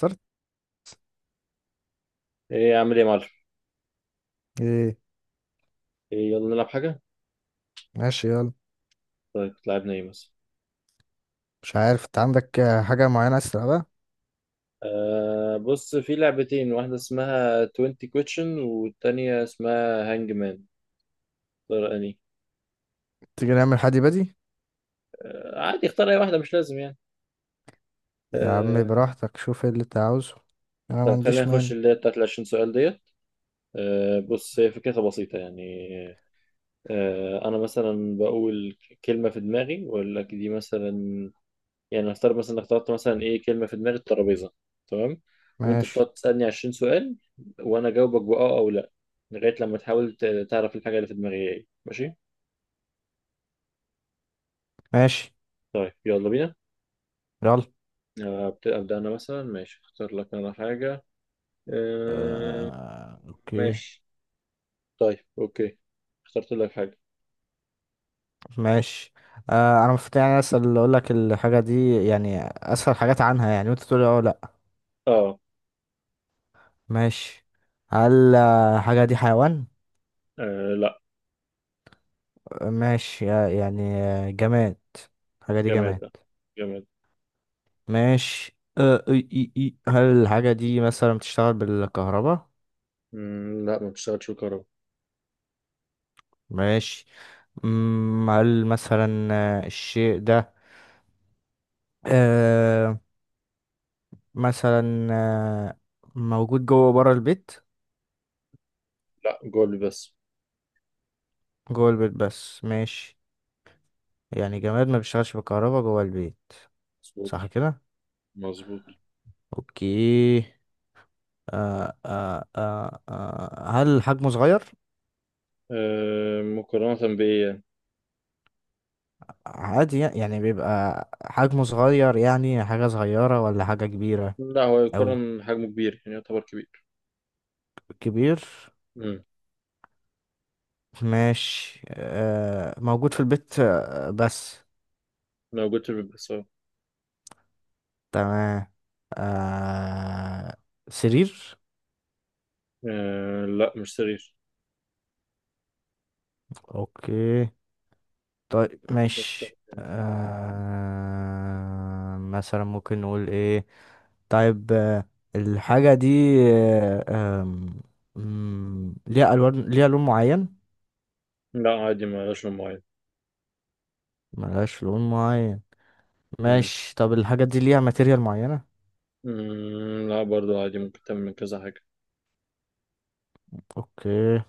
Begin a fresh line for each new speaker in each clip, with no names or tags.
صرت
ايه اعمل ايه يا معلم؟
ايه؟
إيه، يلا نلعب حاجه.
ماشي، يلا.
طيب، لعبنا ايه مثلا؟
مش عارف، انت عندك حاجة معينة عايز تلعبها؟
بص، في لعبتين، واحده اسمها 20 question والتانية اسمها هانج مان. اختار اني
تيجي نعمل حدي بدي.
آه عادي، اختار اي واحده، مش لازم يعني.
يا عم
آه.
براحتك، شوف ايه اللي انت عاوزه. انا ما
طيب خلينا
عنديش
نخش
مانع.
اللي هي بتاعت ال 20 سؤال ديت. بص، هي فكرتها بسيطه يعني. انا مثلا بقول كلمه في دماغي واقول لك، دي مثلا يعني، هختار مثلا انك تحط مثلا ايه كلمه في دماغ الترابيزه. تمام؟ وانت
ماشي.
بتقعد تسالني 20 سؤال وانا اجاوبك باه او لا، لغايه لما تحاول تعرف الحاجه اللي في دماغي ايه. ماشي؟
ماشي،
طيب يلا بينا.
يلا.
ابدا، انا مثلا ماشي اختار لك انا حاجه. آه.
اوكي.
ماشي. طيب، اوكي. اخترت لك حاجه.
ماشي. انا المفروض، يعني اسأل، اقول لك الحاجة دي، يعني اسأل حاجات عنها، يعني وانت تقول لي اه لا.
اه.
ماشي. هل الحاجة دي حيوان؟
آه، لا.
ماشي. يعني جماد؟ الحاجة دي
جماد،
جماد.
لا. جماد.
ماشي. أه إي إي إي. هل الحاجة دي مثلا بتشتغل بالكهرباء؟
لا، ما بتشتغلش بالكهرباء.
ماشي. هل مثلا الشيء ده، أه مثلا موجود جوه وبره البيت؟
لا، جولد بس.
جوه البيت بس. ماشي. يعني جماد ما بيشتغلش بالكهرباء جوه البيت.
مظبوط.
صح كده؟
مظبوط.
اوكي. أه أه أه أه هل حجمه صغير؟
مقارنة بإيه يعني؟
عادي، يعني بيبقى حجمه صغير؟ يعني حاجة صغيرة ولا حاجة كبيرة؟
لا، هو
أوي؟
يقارن حجمه كبير يعني، يعتبر كبير.
كبير.
امم.
ماشي. موجود في البيت بس.
موجود في البس، اه.
تمام. آه سرير؟
لا، مش سرير.
اوكي. طيب ماشي،
يعني.
مثلا ممكن نقول ايه. طيب الحاجة دي آه آم، ليها ألوان، ليها لون معين؟
لا، عادي، ما لهاش لون معين.
ملهاش لون معين.
مم.
ماشي. طب الحاجة دي ليها ماتيريال معينة؟
لا، برضو عادي، ممكن تعمل من كذا حاجة.
اوكي.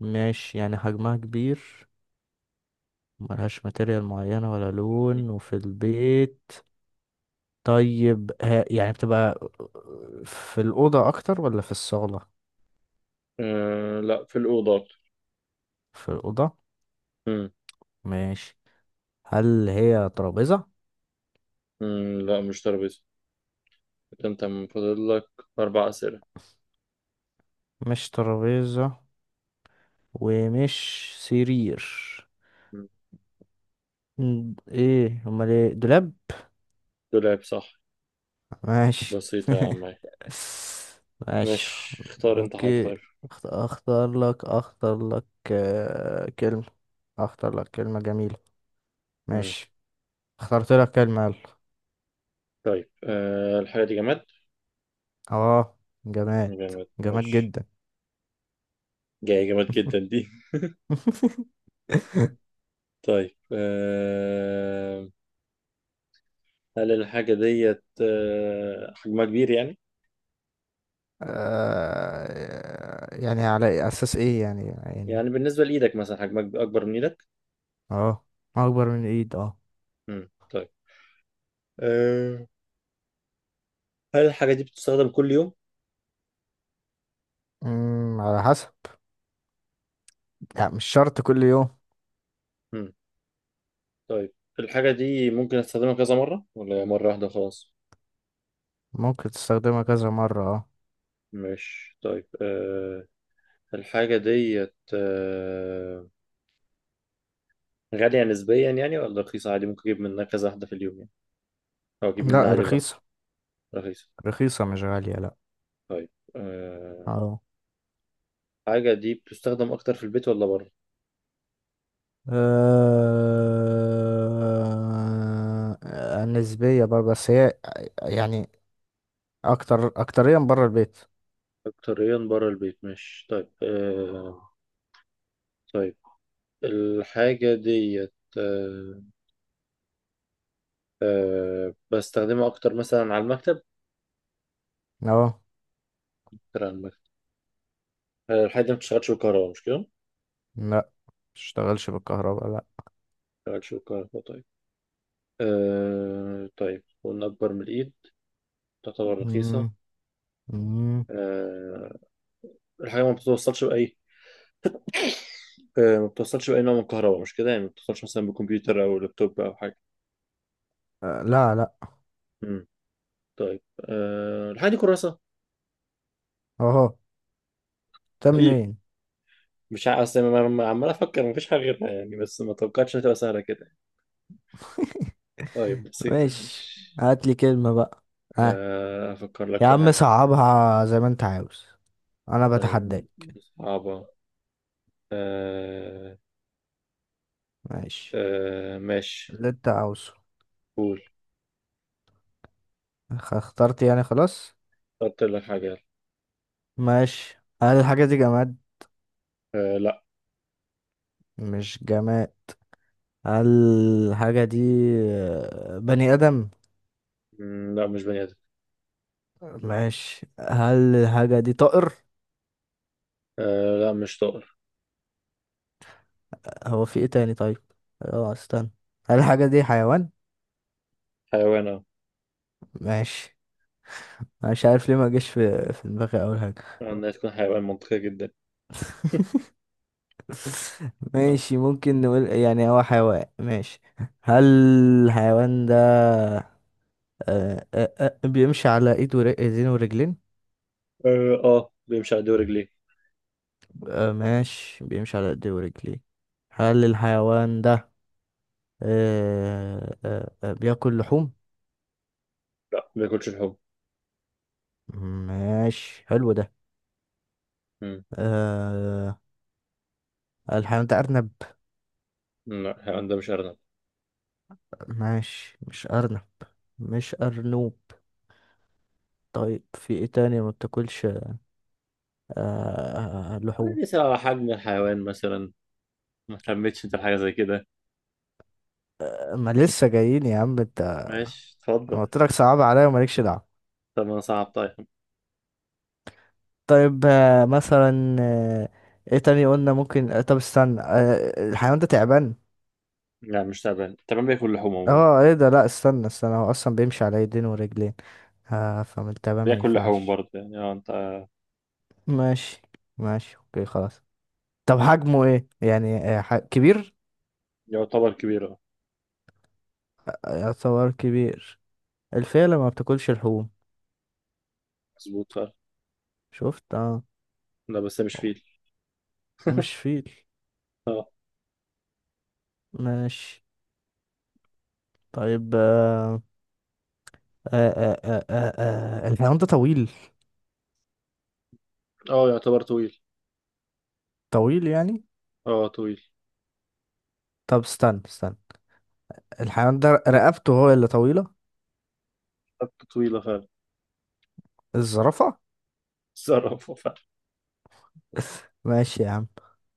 ماشي، يعني حجمها كبير، ملهاش ماتيريال معينة ولا
مم.
لون، وفي البيت. طيب، ها يعني بتبقى في الأوضة أكتر ولا في الصالة؟
لا، في الأوضة أكتر.
في الأوضة.
مم.
ماشي. هل هي ترابيزة؟
لا، مش ترابيزة. كده أنت من فاضل لك أربع أسئلة.
مش ترابيزة، ومش سرير.
مم.
ايه امال؟ ايه، دولاب؟
دولاب، صح.
ماشي.
بسيطة يا عم.
ماشي.
مش، اختار أنت حاجة
اوكي.
طيب.
اختار لك كلمة. اختار لك كلمة جميلة.
مم.
ماشي. اخترت لك كلمة، يلا.
طيب، الحاجة دي جماد.
اه. جماد.
جماد،
جماد
ماشي.
جدا.
جاية جماد جدا دي. طيب، هل الحاجة ديت حجمها كبير يعني؟
يعني على اساس ايه؟ يعني.
يعني بالنسبة لإيدك مثلا، حجمها أكبر من إيدك؟
اه، اكبر من الايد، اه.
مم. طيب، آه، هل الحاجة دي بتستخدم كل يوم؟
على حسب، يعني مش شرط كل يوم.
مم. طيب، الحاجة دي ممكن أستخدمها كذا مرة، ولا هي مرة واحدة خلاص؟
ممكن تستخدمها كذا مرة، اه.
مش، طيب، الحاجة ديت غالية نسبيا يعني، ولا رخيصة عادي ممكن أجيب منها كذا واحدة في اليوم يعني، أو أجيب منها
لا،
عادي براحتي.
رخيصة.
رخيصة.
رخيصة، مش غالية، لا.
طيب، آه،
اه.
الحاجة دي بتستخدم أكتر في البيت ولا بره؟
نسبية بقى، بس هي يعني اكتر، اكتريا برا البيت.
أكتريا بره البيت، مش، طيب، طيب، الحاجة ديت بستخدمها أكتر مثلا على المكتب.
اه،
أكتر على المكتب. الحاجة دي ما بتشتغلش بالكهرباء، مش كده؟
لا، متشتغلش بالكهرباء، لا.
ما بتشتغلش بالكهرباء، طيب. طيب قلنا أكبر من الإيد، تعتبر رخيصة.
مم. مم.
آه، الحاجة ما بتوصلش بأي، ما بتوصلش بأي نوع من الكهرباء، مش كده؟ يعني ما بتوصلش مثلا بكمبيوتر أو لابتوب أو حاجة.
لا، لا.
مم. طيب، الحاجة دي كراسة؟
اهو. ده
إيه.
منين؟
مش ع- أصل أنا عمال أفكر، مفيش حاجة غيرها يعني، بس ما توقعتش إنها تبقى سهلة كده. طيب، بسيطة،
ماشي.
ماشي.
هات لي كلمة بقى. ها.
أفكر لك
يا
في
عم
حاجة.
صعبها زي ما انت عاوز. انا
طيب،
بتحداك.
صعبة. أه.
ماشي
أه، ماشي.
اللي انت عاوزه.
قول.
اخترت يعني، خلاص.
قلت لك حاجة، يلا.
ماشي. هل الحاجة دي جماد؟
أه، لا.
مش جماد. هل الحاجة دي بني آدم؟
لا، مش بني آدم.
ماشي. هل الحاجة دي طائر؟
أه، لا، مش طائر.
هو في ايه تاني؟ طيب، اه، استنى. هل الحاجة دي حيوان؟
حيوان، اه.
ماشي. مش عارف ليه ما جاش في دماغي اول حاجه.
إنها تكون حيوان منطقية جدا. اه.
ماشي، ممكن نقول يعني هو حيوان. ماشي. هل الحيوان ده بيمشي على ايدين ورجلين؟
اه. بيمشي على دور رجليه.
ماشي، بيمشي على ايدين ورجلين. هل الحيوان ده بياكل لحوم؟
لا، ما بياكلش لحوم.
ماشي، حلو ده.
مم،
آه، الحيوان ده ارنب؟
لا، الحيوان ده مش أرنب.
ماشي، مش ارنب. مش ارنوب. طيب، في ايه تاني ما بتاكلش لحوم؟
عادي، سواء على حجم الحيوان مثلا. ما اهتمتش انت بحاجة زي كده.
ما لسه جايين يا عم انت.
ماشي،
انا
اتفضل.
قلت لك صعب عليا، ومالكش دعوه.
طب انا، صعب، طيب.
طيب، مثلا، ايه تاني قلنا ممكن؟ طب استنى، الحيوان ده تعبان؟
لا، مش تعبان. تعبان بياكل لحوم عموما.
اه ايه ده، لا استنى استنى، هو اصلا بيمشي على ايدين ورجلين، فمن التعبان ما
بياكل لحوم
ينفعش.
برضه يعني، اه انت.
ماشي، ماشي، اوكي، خلاص. طب حجمه ايه، يعني كبير؟
يعتبر كبير، اه.
يعتبر كبير. الفيلة ما بتاكلش لحوم.
مظبوط فعلا.
شفت، اه.
لا، بس هي مش فيل.
مش فيل. ماشي. طيب الحيوان ده طويل؟
اه، يعتبر طويل.
طويل يعني؟
اه، طويل.
طب استنى استنى، الحيوان ده رقبته هو اللي طويلة؟
خدت طويلة فعلا.
الزرافة.
تصرف فعلا.
ماشي يا عم.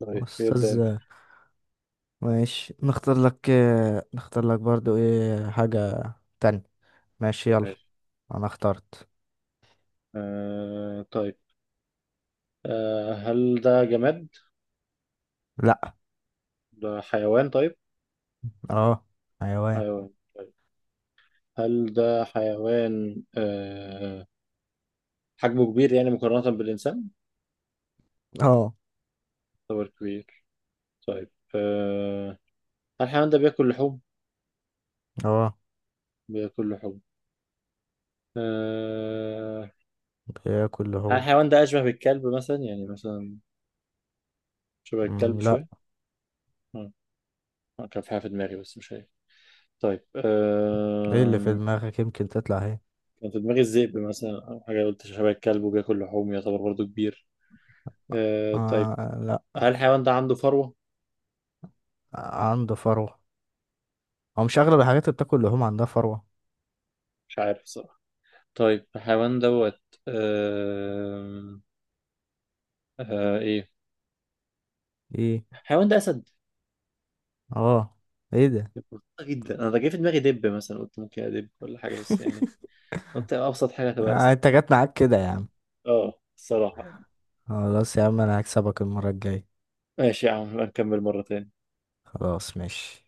طيب يبدأ
أستاذ.
انت.
ماشي، نختار لك برضو إيه حاجة تانية. ماشي، يلا.
ماشي.
أنا اخترت.
طيب. هل ده جماد؟
لأ.
ده حيوان، طيب؟
اه، حيوان.
حيوان. طيب، هل ده حيوان حجمه كبير يعني مقارنة بالإنسان؟
اه،
يعتبر كبير. طيب، هل الحيوان ده بياكل لحوم؟
اه
بياكل لحوم. آه.
بياكل
هل
هو.
الحيوان ده أشبه بالكلب مثلا؟ يعني مثلا شبه الكلب
لأ.
شوية؟ آه. كان في حاجة في دماغي، بس مش هي. طيب،
ايه اللي في دماغك؟ يمكن تطلع ايه.
كان في دماغي الذئب مثلا، أو حاجة، قلت شبه الكلب وبياكل لحوم يعتبر برضه كبير. طيب،
لأ.
هل الحيوان ده عنده فروة؟
عنده فروة. هو مش أغلب الحاجات اللي بتاكل لحوم عندها فروة؟
مش عارف صراحة. طيب، الحيوان دوت أه... إيه؟
ايه.
الحيوان ده أسد.
اه، ايه ده.
بسيطة جدا. أنا ده جه في دماغي دب مثلا، قلت ممكن أدب ولا حاجة، بس يعني قلت أبسط حاجة تبقى أسد.
انت جت معاك كده يا عم.
أه، الصراحة.
خلاص يا عم، انا هكسبك المرة الجاية.
ماشي يا عم، نبقى نكمل مرة تاني.
خلاص، ماشي.